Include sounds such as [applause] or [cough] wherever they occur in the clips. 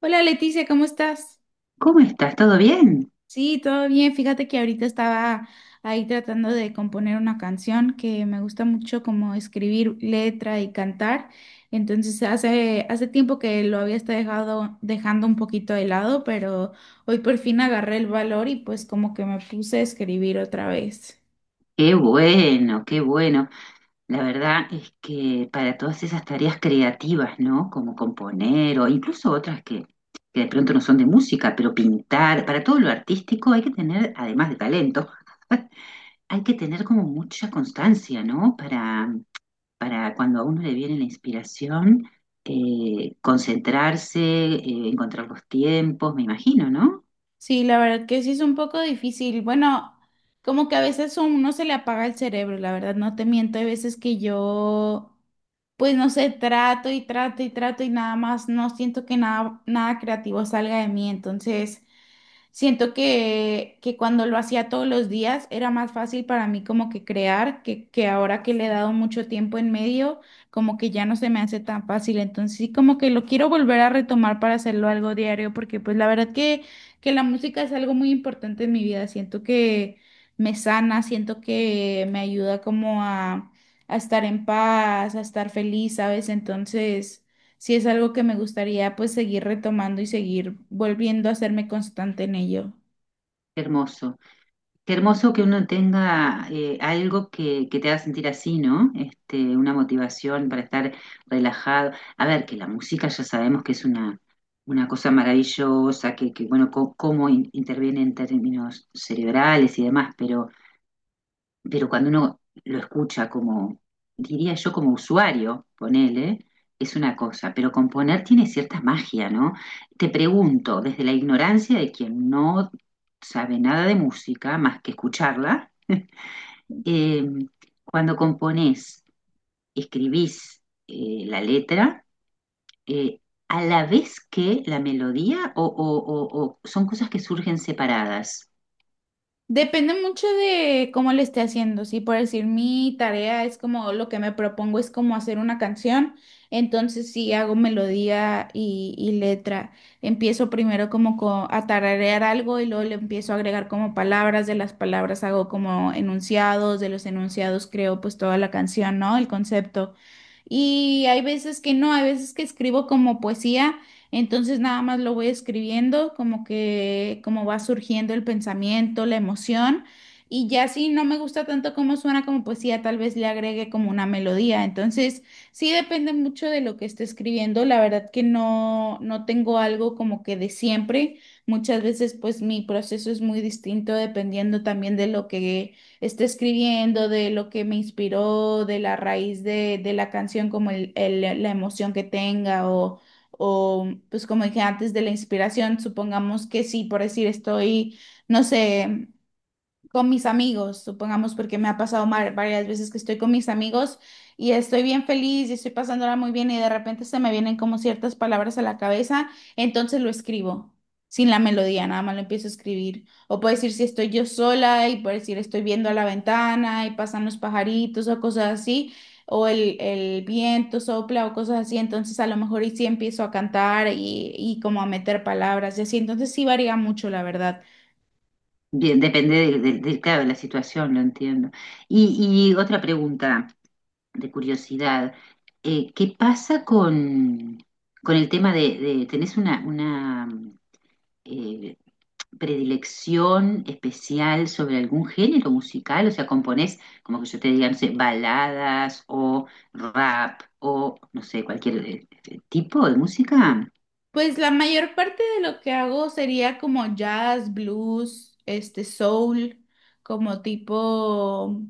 Hola Leticia, ¿cómo estás? ¿Cómo estás? ¿Todo bien? Sí, todo bien. Fíjate que ahorita estaba ahí tratando de componer una canción que me gusta mucho como escribir letra y cantar. Entonces hace tiempo que lo había estado dejando un poquito de lado, pero hoy por fin agarré el valor y pues como que me puse a escribir otra vez. Qué bueno, qué bueno. La verdad es que para todas esas tareas creativas, ¿no? Como componer o incluso otras que de pronto no son de música, pero pintar, para todo lo artístico hay que tener, además de talento, hay que tener como mucha constancia, ¿no? Para cuando a uno le viene la inspiración, concentrarse, encontrar los tiempos, me imagino, ¿no? Sí, la verdad que sí es un poco difícil. Bueno, como que a veces a uno se le apaga el cerebro, la verdad, no te miento. Hay veces que yo, pues no sé, trato y trato y trato y nada más no siento que nada, nada creativo salga de mí. Entonces, siento que cuando lo hacía todos los días era más fácil para mí como que crear, que ahora que le he dado mucho tiempo en medio, como que ya no se me hace tan fácil. Entonces sí como que lo quiero volver a retomar para hacerlo algo diario, porque pues la verdad que la música es algo muy importante en mi vida. Siento que me sana, siento que me ayuda como a estar en paz, a estar feliz, ¿sabes? Entonces... Sí es algo que me gustaría pues seguir retomando y seguir volviendo a hacerme constante en ello. Qué hermoso. Qué hermoso que uno tenga algo que te haga sentir así, ¿no? Este, una motivación para estar relajado. A ver, que la música ya sabemos que es una cosa maravillosa, que bueno, cómo interviene en términos cerebrales y demás, pero cuando uno lo escucha como, diría yo como usuario, ponele, es una cosa, pero componer tiene cierta magia, ¿no? Te pregunto, desde la ignorancia de quien no sabe nada de música más que escucharla, eh, cuando componés, escribís la letra, eh, a la vez que la melodía o, o son cosas que surgen separadas. Depende mucho de cómo le esté haciendo, si por decir, mi tarea es como lo que me propongo es como hacer una canción, entonces si hago melodía y letra. Empiezo primero como a tararear algo y luego le empiezo a agregar como palabras, de las palabras hago como enunciados, de los enunciados creo pues toda la canción, ¿no? El concepto. Y hay veces que no, hay veces que escribo como poesía, entonces nada más lo voy escribiendo, como que como va surgiendo el pensamiento, la emoción, y ya si no me gusta tanto cómo suena como poesía, tal vez le agregue como una melodía. Entonces, sí depende mucho de lo que esté escribiendo, la verdad que no tengo algo como que de siempre. Muchas veces pues mi proceso es muy distinto dependiendo también de lo que esté escribiendo, de lo que me inspiró, de la raíz de la canción, como la emoción que tenga o, pues como dije antes, de la inspiración, supongamos que sí, por decir, estoy, no sé, con mis amigos, supongamos, porque me ha pasado varias veces que estoy con mis amigos y estoy bien feliz y estoy pasándola muy bien y de repente se me vienen como ciertas palabras a la cabeza, entonces lo escribo. Sin la melodía, nada más lo empiezo a escribir. O puedo decir si estoy yo sola y puedo decir estoy viendo a la ventana y pasan los pajaritos o cosas así, o el viento sopla o cosas así. Entonces a lo mejor y sí empiezo a cantar y como a meter palabras y así. Entonces sí varía mucho, la verdad. Bien, depende del, claro, de la situación, lo entiendo. Y otra pregunta de curiosidad, ¿qué pasa con el tema de, tenés una eh, predilección especial sobre algún género musical? O sea, componés, como que yo te diga, no sé, baladas o rap o, no sé, cualquier tipo de música. Pues la mayor parte de lo que hago sería como jazz, blues, este soul, como tipo,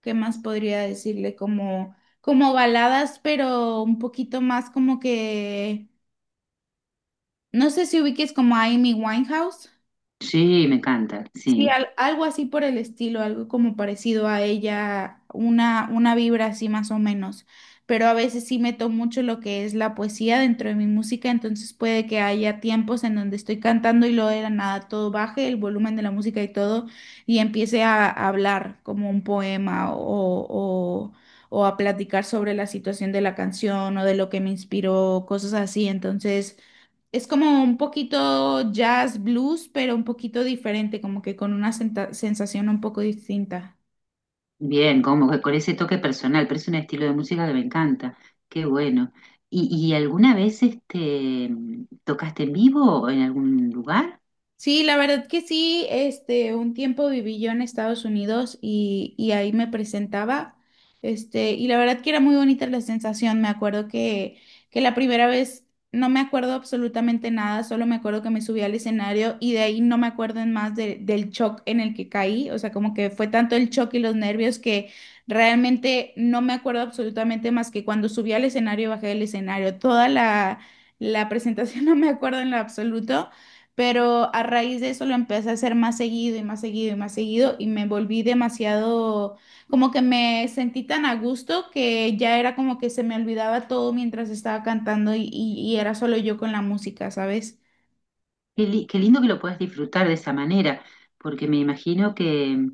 ¿qué más podría decirle? Como, como baladas, pero un poquito más como que, no sé si ubiques como a Amy Winehouse. Sí, me encanta, Sí, sí. Algo así por el estilo, algo como parecido a ella, una vibra así más o menos. Pero a veces sí meto mucho lo que es la poesía dentro de mi música, entonces puede que haya tiempos en donde estoy cantando y luego de la nada todo baje, el volumen de la música y todo, y empiece a hablar como un poema o, o a platicar sobre la situación de la canción o de lo que me inspiró, cosas así. Entonces... Es como un poquito jazz blues, pero un poquito diferente, como que con una sensación un poco distinta. Bien, como que con ese toque personal, pero es un estilo de música que me encanta. Qué bueno. Y alguna vez este, tocaste en vivo o en algún lugar? Sí, la verdad que sí, este, un tiempo viví yo en Estados Unidos y ahí me presentaba, este, y la verdad que era muy bonita la sensación, me acuerdo que la primera vez no me acuerdo absolutamente nada, solo me acuerdo que me subí al escenario y de ahí no me acuerdo en más del shock en el que caí, o sea, como que fue tanto el shock y los nervios que realmente no me acuerdo absolutamente más que cuando subí al escenario y bajé del escenario, toda la... La presentación [laughs] no me acuerdo en lo absoluto. Pero a raíz de eso lo empecé a hacer más seguido y más seguido y más seguido y me volví demasiado, como que me sentí tan a gusto que ya era como que se me olvidaba todo mientras estaba cantando y era solo yo con la música, ¿sabes? Qué, qué lindo que lo puedas disfrutar de esa manera, porque me imagino que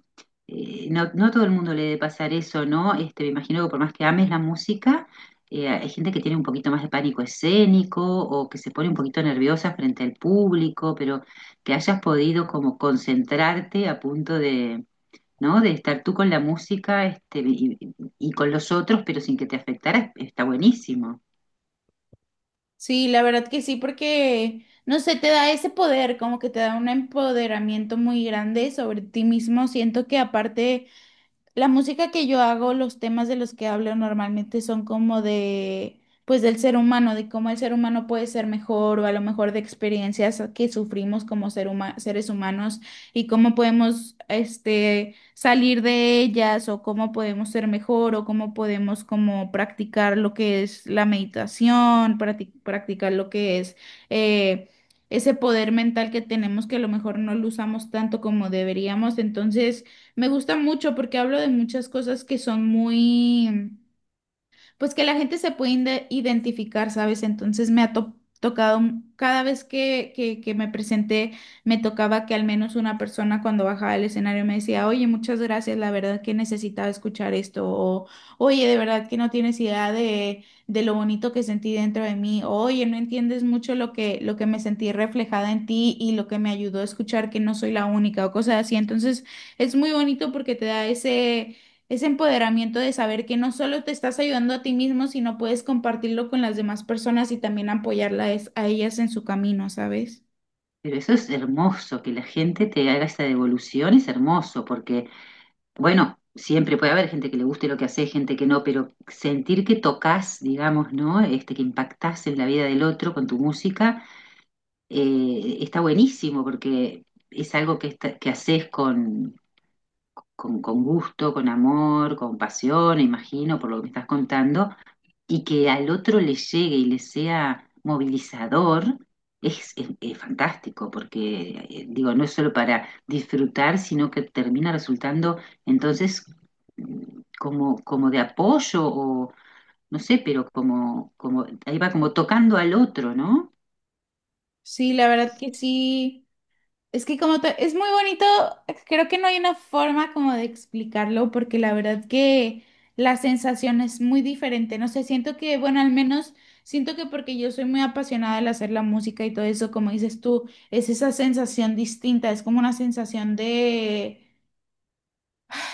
no, no a todo el mundo le debe pasar eso, ¿no? Este, me imagino que por más que ames la música, hay gente que tiene un poquito más de pánico escénico o que se pone un poquito nerviosa frente al público, pero que hayas podido como concentrarte a punto de ¿no? De estar tú con la música este, y con los otros, pero sin que te afectara, está buenísimo. Sí, la verdad que sí, porque, no sé, te da ese poder, como que te da un empoderamiento muy grande sobre ti mismo. Siento que aparte... La música que yo hago, los temas de los que hablo normalmente son como de, pues del ser humano, de cómo el ser humano puede ser mejor o a lo mejor de experiencias que sufrimos como ser seres humanos y cómo podemos, este, salir de ellas o cómo podemos ser mejor o cómo podemos como practicar lo que es la meditación, practicar lo que es, eh, ese poder mental que tenemos que a lo mejor no lo usamos tanto como deberíamos. Entonces, me gusta mucho porque hablo de muchas cosas que son muy, pues que la gente se puede identificar, ¿sabes? Entonces me ha tocado, cada vez que me presenté, me tocaba que al menos una persona cuando bajaba del escenario me decía, oye, muchas gracias, la verdad que necesitaba escuchar esto, o oye, de verdad que no tienes idea de lo bonito que sentí dentro de mí, o, oye, no entiendes mucho lo que me sentí reflejada en ti y lo que me ayudó a escuchar que no soy la única, o cosas así. Entonces es muy bonito porque te da ese empoderamiento de saber que no solo te estás ayudando a ti mismo, sino puedes compartirlo con las demás personas y también apoyarlas a ellas en su camino, ¿sabes? Pero eso es hermoso, que la gente te haga esa devolución es hermoso, porque, bueno, siempre puede haber gente que le guste lo que hace, gente que no, pero sentir que tocas, digamos, ¿no? Este, que impactás en la vida del otro con tu música, está buenísimo, porque es algo que, que haces con gusto, con amor, con pasión, imagino, por lo que me estás contando y que al otro le llegue y le sea movilizador, es, es fantástico, porque, digo, no es solo para disfrutar, sino que termina resultando entonces como, como de apoyo o no sé, pero como, como, ahí va como tocando al otro, ¿no? Sí, la verdad que sí. Es que como es muy bonito, creo que no hay una forma como de explicarlo, porque la verdad que la sensación es muy diferente. No sé, siento que, bueno, al menos siento que porque yo soy muy apasionada al hacer la música y todo eso, como dices tú, es esa sensación distinta, es como una sensación de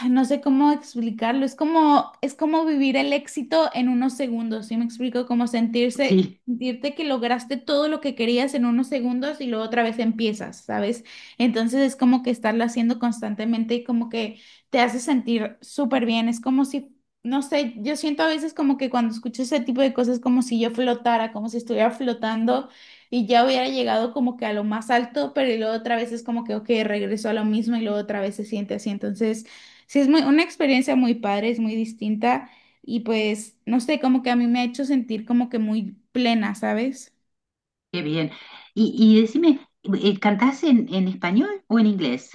no sé cómo explicarlo, es como vivir el éxito en unos segundos, ¿sí me explico? Como [laughs] sentirse, Sí, sentirte que lograste todo lo que querías en unos segundos y luego otra vez empiezas, ¿sabes? Entonces es como que estarlo haciendo constantemente y como que te hace sentir súper bien, es como si, no sé, yo siento a veces como que cuando escucho ese tipo de cosas como si yo flotara, como si estuviera flotando. Y ya hubiera llegado como que a lo más alto, pero y luego otra vez es como que, ok, regreso a lo mismo y luego otra vez se siente así. Entonces, sí, es muy, una experiencia muy padre, es muy distinta y pues, no sé, como que a mí me ha hecho sentir como que muy plena, ¿sabes? qué bien. Y decime, ¿cantás en español o en inglés?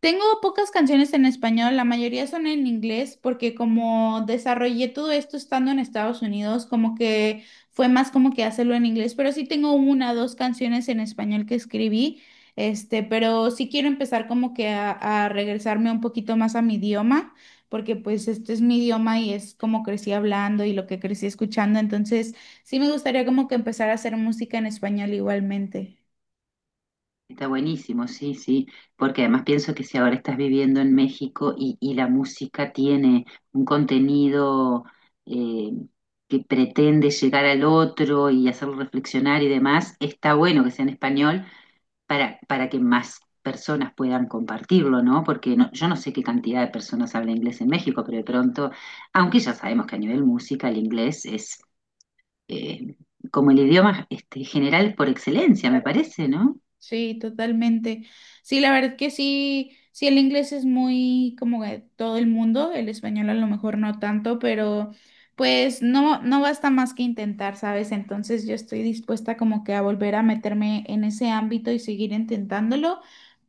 Tengo pocas canciones en español, la mayoría son en inglés porque como desarrollé todo esto estando en Estados Unidos, como que fue más como que hacerlo en inglés, pero sí tengo una dos canciones en español que escribí, este, pero sí quiero empezar como que a regresarme un poquito más a mi idioma, porque pues este es mi idioma y es como crecí hablando y lo que crecí escuchando, entonces sí me gustaría como que empezar a hacer música en español igualmente. Está buenísimo, sí, sí, porque además pienso que si ahora estás viviendo en México y la música tiene un contenido eh, que pretende llegar al otro y hacerlo reflexionar y demás, está bueno que sea en español para que más personas puedan compartirlo, ¿no? Porque no, yo no sé qué cantidad de personas habla inglés en México, pero de pronto, aunque ya sabemos que a nivel música el inglés es eh, como el idioma este, general por excelencia, me parece, ¿no? Sí, totalmente. Sí, la verdad que sí, sí, el inglés es muy como de todo el mundo, el español a lo mejor no tanto, pero pues no, no basta más que intentar, ¿sabes? Entonces yo estoy dispuesta como que a volver a meterme en ese ámbito y seguir intentándolo.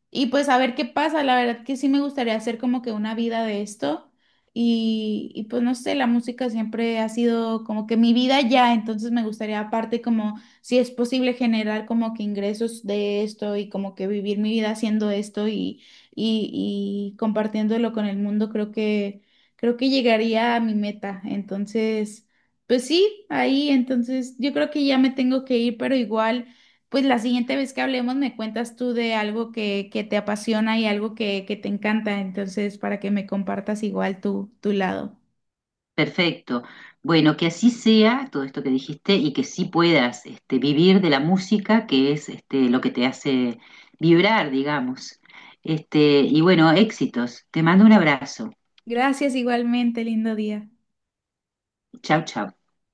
Y pues a ver qué pasa, la verdad que sí me gustaría hacer como que una vida de esto y pues no sé, la música siempre ha sido como que mi vida ya, entonces me gustaría aparte como si es posible generar como que ingresos de esto y como que vivir mi vida haciendo esto y compartiéndolo con el mundo, creo que llegaría a mi meta. Entonces, pues sí, ahí, entonces yo creo que ya me tengo que ir, pero igual. Pues la siguiente vez que hablemos me cuentas tú de algo que te apasiona y algo que te encanta, entonces para que me compartas igual tu, tu lado. Perfecto. Bueno, que así sea todo esto que dijiste y que sí puedas este, vivir de la música, que es este, lo que te hace vibrar, digamos. Este, y bueno, éxitos. Te mando un abrazo. Gracias igualmente, lindo día. Chau, chau.